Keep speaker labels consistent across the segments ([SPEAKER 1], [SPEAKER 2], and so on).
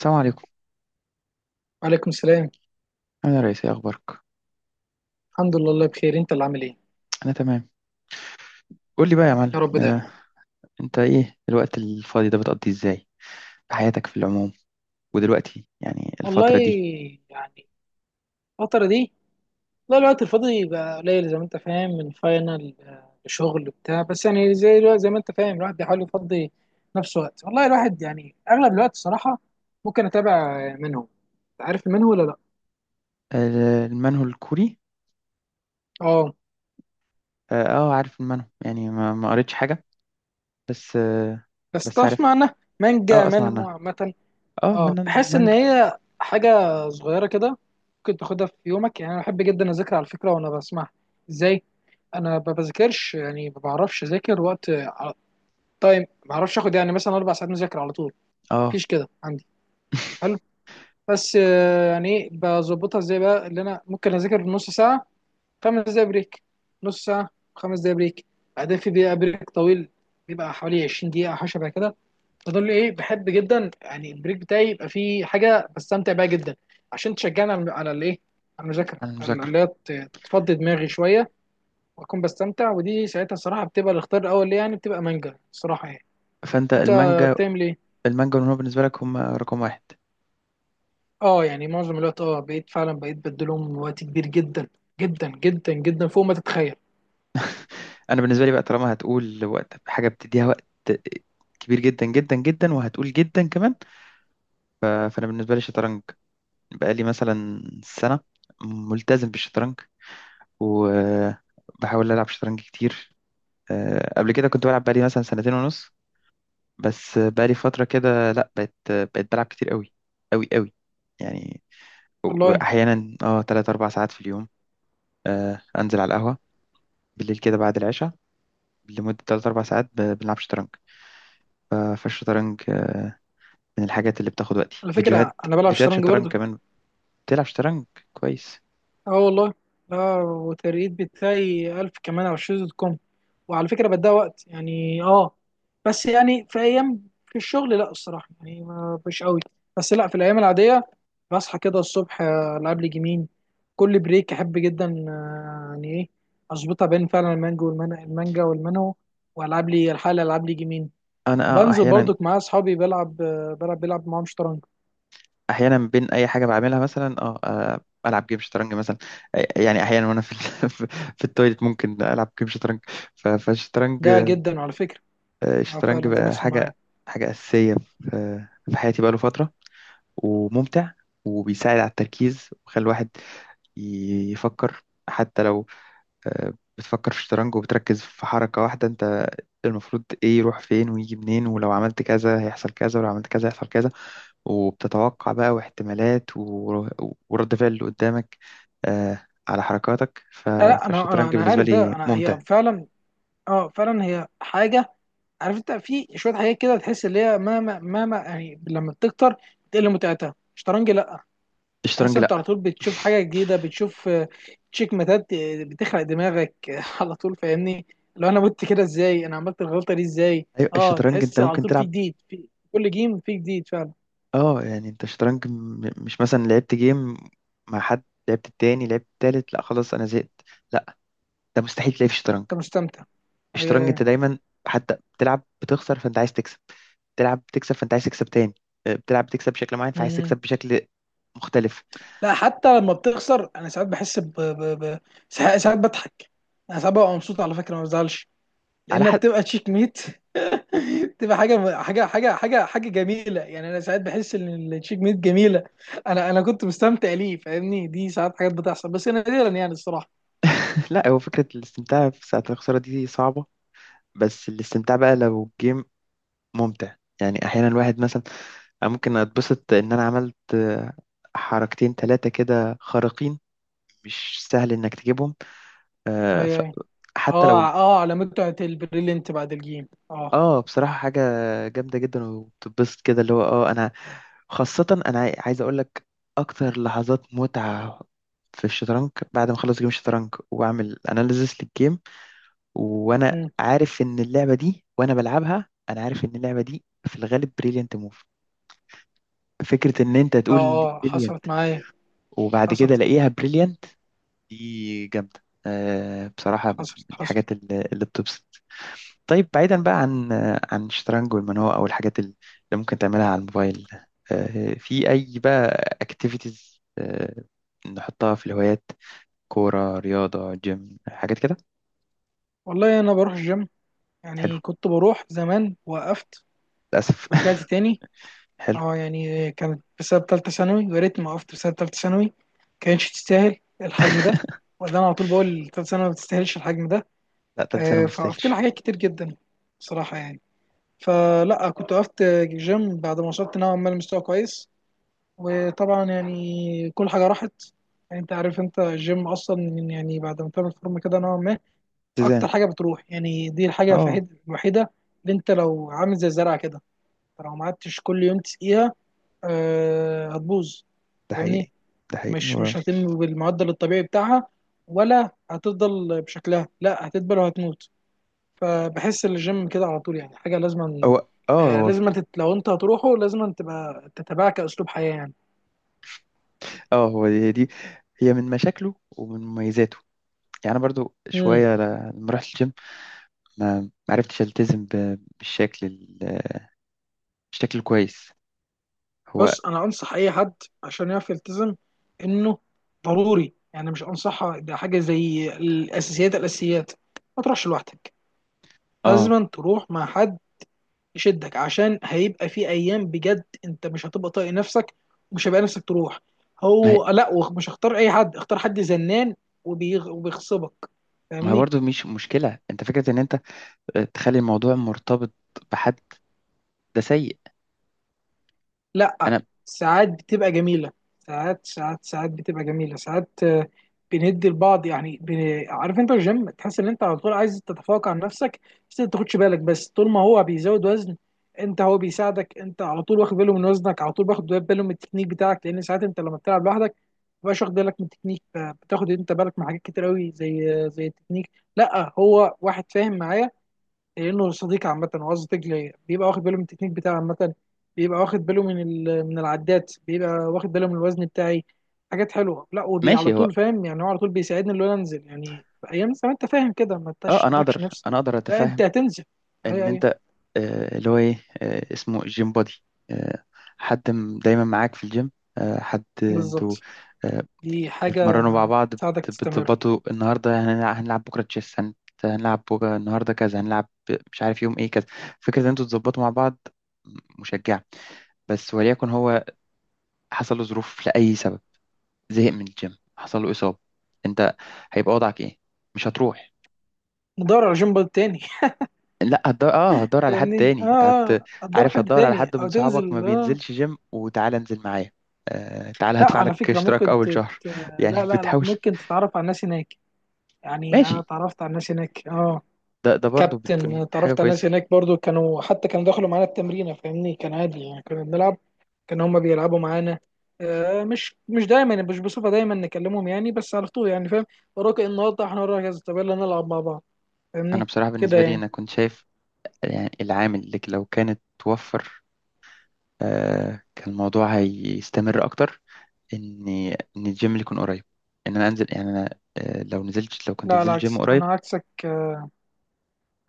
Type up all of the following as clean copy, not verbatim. [SPEAKER 1] السلام عليكم.
[SPEAKER 2] وعليكم السلام.
[SPEAKER 1] انا رئيس، ايه اخبارك؟
[SPEAKER 2] الحمد لله، الله بخير. انت اللي عامل ايه؟
[SPEAKER 1] انا تمام. قول لي بقى يا معلم،
[SPEAKER 2] يا رب دايما.
[SPEAKER 1] انت ايه الوقت الفاضي ده بتقضيه ازاي في حياتك، في العموم؟ ودلوقتي يعني
[SPEAKER 2] والله
[SPEAKER 1] الفترة دي
[SPEAKER 2] يعني الفترة دي، لا الوقت الفاضي بقى قليل زي ما انت فاهم من فاينل، لشغل وبتاع، بس يعني زي ما انت فاهم الواحد بيحاول يفضي نفسه وقت. والله الواحد، يعني اغلب الوقت الصراحة ممكن اتابع منه. عارف منه ولا لا؟
[SPEAKER 1] المنهو الكوري.
[SPEAKER 2] اه،
[SPEAKER 1] عارف المنهو، يعني ما قريتش حاجة بس.
[SPEAKER 2] بس
[SPEAKER 1] بس
[SPEAKER 2] تعرف
[SPEAKER 1] عارفها.
[SPEAKER 2] معنى مانجا
[SPEAKER 1] اه اسمع
[SPEAKER 2] منهو
[SPEAKER 1] عنها،
[SPEAKER 2] عامة؟
[SPEAKER 1] اه
[SPEAKER 2] اه،
[SPEAKER 1] من
[SPEAKER 2] بحس ان
[SPEAKER 1] المانجا
[SPEAKER 2] هي حاجه صغيره كده، ممكن تاخدها في يومك. يعني انا بحب جدا اذاكر على فكره وانا بسمعها. ازاي؟ انا ما بذاكرش. يعني ما بعرفش اذاكر وقت، تايم. ما بعرفش اخد يعني مثلا 4 ساعات مذاكره على طول.
[SPEAKER 1] اه
[SPEAKER 2] مفيش كده عندي. حلو. بس يعني ايه، بظبطها ازاي بقى؟ اللي انا ممكن اذاكر في نص ساعه، 5 دقايق بريك، نص ساعه، خمس دقايق بريك، بعدين في دقيقه بريك طويل، بيبقى حوالي 20 دقيقه او حاجه شبه كده تدل. ايه، بحب جدا يعني البريك بتاعي يبقى فيه حاجه بستمتع بيها جدا، عشان تشجعني على الايه، على المذاكره،
[SPEAKER 1] عن
[SPEAKER 2] على
[SPEAKER 1] المذاكرة.
[SPEAKER 2] اللي هي تفضي دماغي شويه. واكون بستمتع. ودي ساعتها الصراحه بتبقى الاختيار الاول ليه، يعني بتبقى مانجا الصراحه يعني.
[SPEAKER 1] فانت
[SPEAKER 2] انت
[SPEAKER 1] المانجا،
[SPEAKER 2] بتعمل ايه؟
[SPEAKER 1] المانجا والمنهو بالنسبة لك هم رقم واحد؟
[SPEAKER 2] اه يعني معظم الوقت بقيت فعلا، بقيت بديلهم وقت كبير جدا جدا جدا جدا، فوق ما تتخيل.
[SPEAKER 1] انا بالنسبة لي بقى، طالما هتقول وقت حاجة بتديها وقت كبير جدا جدا جدا وهتقول جدا كمان، فانا بالنسبة لي شطرنج. بقالي مثلا سنة ملتزم بالشطرنج وبحاول ألعب شطرنج كتير. قبل كده كنت بلعب، بقالي مثلا سنتين ونص، بس بقالي فترة كده لأ، بقيت بلعب كتير قوي قوي قوي يعني.
[SPEAKER 2] والله،
[SPEAKER 1] وأحيانا تلات أربع ساعات في اليوم. أنزل على القهوة بالليل كده بعد العشاء لمدة تلات أربع ساعات، بنلعب شطرنج. فالشطرنج من الحاجات اللي بتاخد وقتي.
[SPEAKER 2] على فكره
[SPEAKER 1] فيديوهات
[SPEAKER 2] انا بلعب
[SPEAKER 1] فيديوهات
[SPEAKER 2] شطرنج
[SPEAKER 1] شطرنج
[SPEAKER 2] برضك.
[SPEAKER 1] كمان. بتلعب شطرنج كويس؟
[SPEAKER 2] اه والله، لا، والترقيد بتاعي 1000 كمان على شيز دوت كوم. وعلى فكره بديها وقت يعني. اه بس يعني في ايام، في الشغل، لا الصراحه يعني مش قوي. بس لا، في الايام العاديه بصحى كده الصبح، العب لي جيمين. كل بريك احب جدا، يعني ايه، اظبطها بين فعلا المانجو والمانجا، المانجا والمانهو، والعب لي الحاله، العب لي جيمين.
[SPEAKER 1] أنا
[SPEAKER 2] وبنزل
[SPEAKER 1] أحيانا،
[SPEAKER 2] برضك مع اصحابي، بلعب آه، بلعب بلعب معاهم شطرنج.
[SPEAKER 1] بين اي حاجه بعملها، مثلا العب جيم شطرنج مثلا. يعني احيانا وانا في في التويليت ممكن العب جيم شطرنج. فالشطرنج،
[SPEAKER 2] ده جدا على فكره.
[SPEAKER 1] الشطرنج
[SPEAKER 2] فعلا ده
[SPEAKER 1] بقى
[SPEAKER 2] بيحصل معايا.
[SPEAKER 1] حاجه اساسيه في حياتي بقاله فتره، وممتع، وبيساعد على التركيز وبيخلي الواحد يفكر. حتى لو بتفكر في الشطرنج وبتركز في حركه واحده، انت المفروض ايه يروح فين ويجي منين، ولو عملت كذا هيحصل كذا ولو عملت كذا هيحصل كذا، وبتتوقع بقى واحتمالات ورد فعل اللي قدامك على حركاتك.
[SPEAKER 2] لا، لا، انا انا
[SPEAKER 1] فالشطرنج
[SPEAKER 2] انا
[SPEAKER 1] بالنسبة
[SPEAKER 2] عارف ده.
[SPEAKER 1] لي
[SPEAKER 2] انا هي
[SPEAKER 1] ممتع.
[SPEAKER 2] فعلا. اه، فعلا هي حاجه. عارف انت في شويه حاجات كده تحس اللي هي مهما مهما يعني، لما بتكتر بتقل متعتها. شطرنج، لا. تحس
[SPEAKER 1] الشطرنج
[SPEAKER 2] انت على
[SPEAKER 1] لا،
[SPEAKER 2] طول بتشوف حاجه جديده. بتشوف تشيك ماتات، بتخلق دماغك، على طول فاهمني؟ لو انا مت كده، ازاي انا عملت الغلطه دي، ازاي؟
[SPEAKER 1] ايوه.
[SPEAKER 2] اه،
[SPEAKER 1] الشطرنج انت
[SPEAKER 2] تحس على
[SPEAKER 1] ممكن
[SPEAKER 2] طول في
[SPEAKER 1] تلعب،
[SPEAKER 2] جديد. في كل جيم في جديد فعلا.
[SPEAKER 1] اه يعني انت الشطرنج مش مثلا لعبت جيم مع حد، لعبت التاني، لعبت التالت، لا خلاص انا زهقت. لا، ده مستحيل تلاقي في الشطرنج.
[SPEAKER 2] انت مستمتع؟
[SPEAKER 1] الشطرنج انت
[SPEAKER 2] آه،
[SPEAKER 1] دايما حتى بتلعب بتخسر، فانت عايز تكسب. بتلعب بتكسب، فانت عايز تكسب تاني. بتلعب بتكسب بشكل معين فعايز تكسب
[SPEAKER 2] مم.
[SPEAKER 1] بشكل مختلف
[SPEAKER 2] لا، حتى لما بتخسر انا ساعات بحس ساعات، ساعات بضحك. انا ساعات ببقى مبسوط، على فكره ما بزعلش،
[SPEAKER 1] على
[SPEAKER 2] لان
[SPEAKER 1] حد.
[SPEAKER 2] بتبقى تشيك ميت. تبقى حاجه جميله، يعني انا ساعات بحس ان التشيك ميت جميله. انا كنت مستمتع ليه، فاهمني؟ دي ساعات حاجات بتحصل بس نادرا يعني الصراحه.
[SPEAKER 1] لا، هو فكرة الاستمتاع في ساعة الخسارة دي صعبة، بس الاستمتاع بقى لو الجيم ممتع، يعني أحيانا الواحد مثلا، أنا ممكن أتبسط إن أنا عملت حركتين تلاتة كده خارقين، مش سهل إنك تجيبهم. آه، ف-
[SPEAKER 2] اي، اي.
[SPEAKER 1] حتى لو
[SPEAKER 2] اه، اه، على متعه البريلينت بعد الجيم. اه.
[SPEAKER 1] بصراحة حاجة جامدة جدا وبتتبسط كده، اللي هو أنا خاصة، أنا عايز أقول لك أكتر لحظات متعة في الشطرنج بعد ما أخلص جيم الشطرنج وأعمل أناليزيس للجيم، وانا
[SPEAKER 2] مم.
[SPEAKER 1] عارف ان اللعبه دي وانا بلعبها انا عارف ان اللعبه دي في الغالب بريليانت موف، فكره ان انت
[SPEAKER 2] اه،
[SPEAKER 1] تقول ان دي
[SPEAKER 2] اه،
[SPEAKER 1] بريليانت
[SPEAKER 2] حصلت معايا،
[SPEAKER 1] وبعد كده
[SPEAKER 2] حصلت،
[SPEAKER 1] الاقيها بريليانت، دي جامده. بصراحه من
[SPEAKER 2] حصلت، حصلت.
[SPEAKER 1] الحاجات اللي بتبسط. طيب بعيدا بقى عن عن الشطرنج والمنوه او الحاجات اللي ممكن تعملها على الموبايل، في اي بقى اكتيفيتيز نحطها في الهوايات؟ كوره، رياضه، جيم، حاجات كده.
[SPEAKER 2] والله انا بروح الجيم.
[SPEAKER 1] حلو.
[SPEAKER 2] يعني كنت بروح زمان، وقفت،
[SPEAKER 1] للاسف.
[SPEAKER 2] ورجعت تاني.
[SPEAKER 1] حلو.
[SPEAKER 2] اه، يعني كانت بسبب تالتة ثانوي، ويا ريتني ما وقفت. بسبب تالتة ثانوي، كانتش تستاهل الحجم ده. وده انا على طول بقول: تالتة ثانوي ما تستاهلش الحجم ده.
[SPEAKER 1] لا، تالت سنه ما
[SPEAKER 2] فوقفت
[SPEAKER 1] تستاهلش.
[SPEAKER 2] لها حاجات كتير جدا بصراحة يعني. فلا كنت وقفت جيم بعد ما وصلت نوعا ما لمستوى كويس، وطبعا يعني كل حاجة راحت. يعني انت عارف انت الجيم اصلا، يعني بعد ما تعمل فورمة كده نوعا ما،
[SPEAKER 1] سيزان.
[SPEAKER 2] اكتر حاجة بتروح. يعني دي الحاجة
[SPEAKER 1] اه.
[SPEAKER 2] الوحيدة، اللي انت لو عامل زي الزرع كده، لو ما قعدتش كل يوم تسقيها، هتبوظ.
[SPEAKER 1] ده
[SPEAKER 2] فاهمني؟
[SPEAKER 1] حقيقي. ده حقيقي
[SPEAKER 2] مش
[SPEAKER 1] هو
[SPEAKER 2] مش هتتم بالمعدل الطبيعي بتاعها، ولا هتفضل بشكلها. لا، هتدبل وهتموت. فبحس ان الجيم كده على طول يعني حاجه لازم،
[SPEAKER 1] هو اه هو فكرة.
[SPEAKER 2] لو انت هتروحه لازم تبقى تتبعه كاسلوب حياه يعني.
[SPEAKER 1] اه هو هي دي، هي من مشاكله ومن مميزاته. يعني انا برضو
[SPEAKER 2] مم.
[SPEAKER 1] شويه لما رحت الجيم، ما عرفتش التزم بالشكل بالشكل الكويس. هو
[SPEAKER 2] بص انا انصح اي حد عشان يعرف يلتزم، انه ضروري يعني. مش انصح، ده حاجه زي الاساسيات. الاساسيات: ما تروحش لوحدك.
[SPEAKER 1] اه
[SPEAKER 2] لازم تروح مع حد يشدك، عشان هيبقى في ايام بجد انت مش هتبقى طايق نفسك، ومش هيبقى نفسك تروح.
[SPEAKER 1] ما هي
[SPEAKER 2] هو لا، مش هختار اي حد، اختار حد زنان وبيغصبك.
[SPEAKER 1] ما هي
[SPEAKER 2] فاهمني؟
[SPEAKER 1] برضو مش مشكله، انت فكره ان انت تخلي الموضوع مرتبط بحد ده سيء.
[SPEAKER 2] لا،
[SPEAKER 1] انا
[SPEAKER 2] ساعات بتبقى جميلة. ساعات، ساعات، ساعات بتبقى جميلة. ساعات، بندي لبعض يعني عارف انت الجيم، تحس ان انت على طول عايز تتفوق عن نفسك. بس انت تاخدش بالك. بس طول ما هو بيزود وزن، انت، هو بيساعدك. انت على طول واخد باله من وزنك، على طول واخد باله من التكنيك بتاعك، لان ساعات انت لما بتلعب لوحدك تبقاش واخد بالك من التكنيك. بتاخد انت بالك من حاجات كتير قوي، زي التكنيك. لا هو واحد فاهم معايا، لانه صديق. عامه وقصدك ليا بيبقى واخد باله من التكنيك بتاعي عامه. بيبقى واخد باله من العدات، بيبقى واخد باله من الوزن بتاعي. حاجات حلوه. لا ودي على
[SPEAKER 1] ماشي. هو
[SPEAKER 2] طول، فاهم يعني؟ هو على طول بيساعدني ان انا انزل، يعني في ايام زمان انت فاهم كده ما
[SPEAKER 1] اه انا
[SPEAKER 2] تشدكش
[SPEAKER 1] اقدر
[SPEAKER 2] نفس.
[SPEAKER 1] انا اقدر
[SPEAKER 2] لا، انت
[SPEAKER 1] اتفهم
[SPEAKER 2] هتنزل. اي،
[SPEAKER 1] ان انت
[SPEAKER 2] اي،
[SPEAKER 1] اللي هو ايه اسمه جيم بودي، آه، حد دايما معاك في الجيم، حد انتوا
[SPEAKER 2] بالظبط.
[SPEAKER 1] آه،
[SPEAKER 2] دي حاجه
[SPEAKER 1] بتتمرنوا مع بعض،
[SPEAKER 2] تساعدك تستمر.
[SPEAKER 1] بتظبطوا النهارده هنلعب بكره تشيس، هنلعب بكره، النهارده كذا، هنلعب مش عارف يوم ايه، كذا. فكره ان انتوا تظبطوا مع بعض مشجعه، بس وليكن هو حصل له ظروف لاي سبب، زهق من الجيم، حصل له اصابه، انت هيبقى وضعك ايه؟ مش هتروح؟
[SPEAKER 2] ندور على جنب تاني.
[SPEAKER 1] لا هتدور، هتدور على حد
[SPEAKER 2] فاهمني؟ اه،
[SPEAKER 1] تاني
[SPEAKER 2] آه. هتدور
[SPEAKER 1] عارف.
[SPEAKER 2] حد
[SPEAKER 1] هتدور على
[SPEAKER 2] تاني
[SPEAKER 1] حد من
[SPEAKER 2] او تنزل.
[SPEAKER 1] صحابك ما بينزلش جيم، وتعالى انزل معايا، تعالى
[SPEAKER 2] لا
[SPEAKER 1] هدفع
[SPEAKER 2] على
[SPEAKER 1] لك
[SPEAKER 2] فكرة
[SPEAKER 1] اشتراك
[SPEAKER 2] ممكن
[SPEAKER 1] اول شهر يعني
[SPEAKER 2] لا، لا، لا،
[SPEAKER 1] بتحاول.
[SPEAKER 2] ممكن تتعرف على الناس هناك. يعني أنا
[SPEAKER 1] ماشي.
[SPEAKER 2] اتعرفت على الناس هناك، اه.
[SPEAKER 1] ده برضو
[SPEAKER 2] كابتن،
[SPEAKER 1] بتكون حاجة
[SPEAKER 2] اتعرفت على الناس
[SPEAKER 1] كويسة.
[SPEAKER 2] هناك برضو. كانوا دخلوا معانا التمرين، فاهمني؟ كان عادي، يعني كنا بنلعب، كانوا هما بيلعبوا معانا. مش دايما، مش بصفة دايما نكلمهم يعني. بس على طول يعني فاهم. وراك إيه النهارده؟ احنا وراك كذا، طب يلا نلعب مع بعض.
[SPEAKER 1] انا
[SPEAKER 2] فاهمني
[SPEAKER 1] بصراحه
[SPEAKER 2] كده
[SPEAKER 1] بالنسبه لي
[SPEAKER 2] يعني؟
[SPEAKER 1] انا كنت شايف يعني العامل اللي لو كانت توفر، كان الموضوع هيستمر اكتر، ان الجيم اللي يكون قريب، ان انا انزل، يعني انا لو كنت
[SPEAKER 2] لا،
[SPEAKER 1] نزلت جيم
[SPEAKER 2] العكس. انا
[SPEAKER 1] قريب.
[SPEAKER 2] عكسك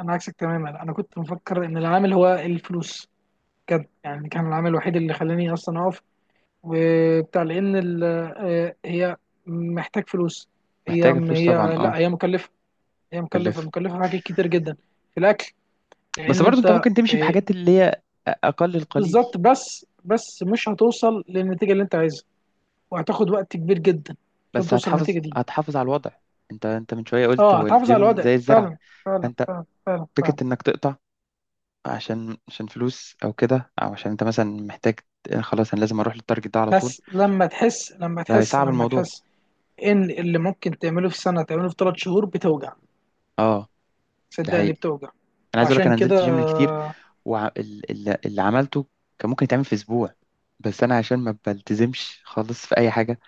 [SPEAKER 2] انا عكسك تماما، انا كنت مفكر ان العامل هو الفلوس. بجد يعني، كان العامل الوحيد اللي خلاني اصلا اقف وبتاع. لان هي محتاج فلوس. هي
[SPEAKER 1] محتاجه فلوس طبعا.
[SPEAKER 2] هي
[SPEAKER 1] اه
[SPEAKER 2] لا، هي مكلفه. هي مكلفه
[SPEAKER 1] بلف.
[SPEAKER 2] مكلفه في حاجات كتير جدا. في الاكل.
[SPEAKER 1] بس
[SPEAKER 2] لان
[SPEAKER 1] برضه انت
[SPEAKER 2] انت
[SPEAKER 1] ممكن تمشي
[SPEAKER 2] آه،
[SPEAKER 1] بحاجات اللي هي اقل القليل،
[SPEAKER 2] بالظبط. بس مش هتوصل للنتيجه اللي انت عايزها، وهتاخد وقت كبير جدا عشان
[SPEAKER 1] بس
[SPEAKER 2] توصل
[SPEAKER 1] هتحافظ
[SPEAKER 2] للنتيجه دي.
[SPEAKER 1] هتحافظ على الوضع. انت من شويه قلت
[SPEAKER 2] اه،
[SPEAKER 1] هو
[SPEAKER 2] هتحافظ على
[SPEAKER 1] الجيم
[SPEAKER 2] الوضع.
[SPEAKER 1] زي الزرع،
[SPEAKER 2] فعلا، فعلا،
[SPEAKER 1] فانت
[SPEAKER 2] فعلا، فعلا، فعلا.
[SPEAKER 1] فكره انك تقطع عشان فلوس او كده، او عشان انت مثلا محتاج خلاص انا لازم اروح للتارجت ده على طول،
[SPEAKER 2] بس لما تحس لما
[SPEAKER 1] ده
[SPEAKER 2] تحس
[SPEAKER 1] هيصعب
[SPEAKER 2] لما
[SPEAKER 1] الموضوع.
[SPEAKER 2] تحس ان اللي ممكن تعمله في سنه تعمله في 3 شهور، بتوجع.
[SPEAKER 1] اه، ده
[SPEAKER 2] صدقني
[SPEAKER 1] حقيقي.
[SPEAKER 2] بتوجع.
[SPEAKER 1] انا عايز اقول لك
[SPEAKER 2] عشان
[SPEAKER 1] انا
[SPEAKER 2] كده،
[SPEAKER 1] نزلت جيم كتير، واللي عملته كان ممكن يتعمل في اسبوع، بس انا عشان ما بلتزمش خالص في اي حاجه،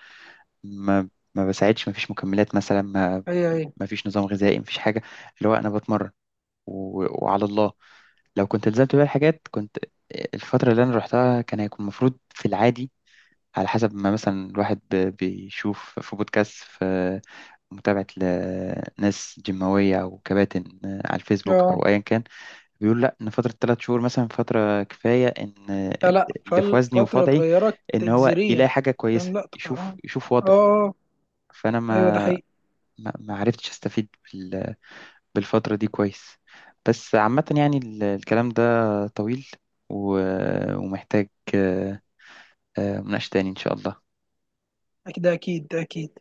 [SPEAKER 1] ما ما بساعدش، ما فيش مكملات مثلا، ما
[SPEAKER 2] هي.
[SPEAKER 1] ما فيش نظام غذائي، ما فيش حاجه، اللي هو انا بتمرن و... وعلى الله. لو كنت التزمت بقى الحاجات، كنت الفتره اللي انا رحتها كان هيكون المفروض في العادي، على حسب ما مثلا الواحد بيشوف في بودكاست، في متابعة لناس جيماوية أو كباتن على الفيسبوك
[SPEAKER 2] اه،
[SPEAKER 1] أو أيا كان، بيقول لأ إن فترة 3 شهور مثلا فترة كفاية، إن
[SPEAKER 2] لا، لا،
[SPEAKER 1] اللي في وزني وفي
[SPEAKER 2] فالفترة
[SPEAKER 1] وضعي،
[SPEAKER 2] اتغيرت
[SPEAKER 1] إن هو
[SPEAKER 2] تجذريا.
[SPEAKER 1] يلاقي حاجة كويسة،
[SPEAKER 2] فاهم؟ لا،
[SPEAKER 1] يشوف،
[SPEAKER 2] اه، اه،
[SPEAKER 1] وضع.
[SPEAKER 2] آه،
[SPEAKER 1] فأنا
[SPEAKER 2] ايوه، ده
[SPEAKER 1] ما
[SPEAKER 2] حقيقي.
[SPEAKER 1] ما ما عرفتش أستفيد بالفترة دي كويس. بس عامة يعني الكلام ده طويل ومحتاج آه، مناقشة تاني إن شاء الله.
[SPEAKER 2] اكيد، ده اكيد، ده اكيد.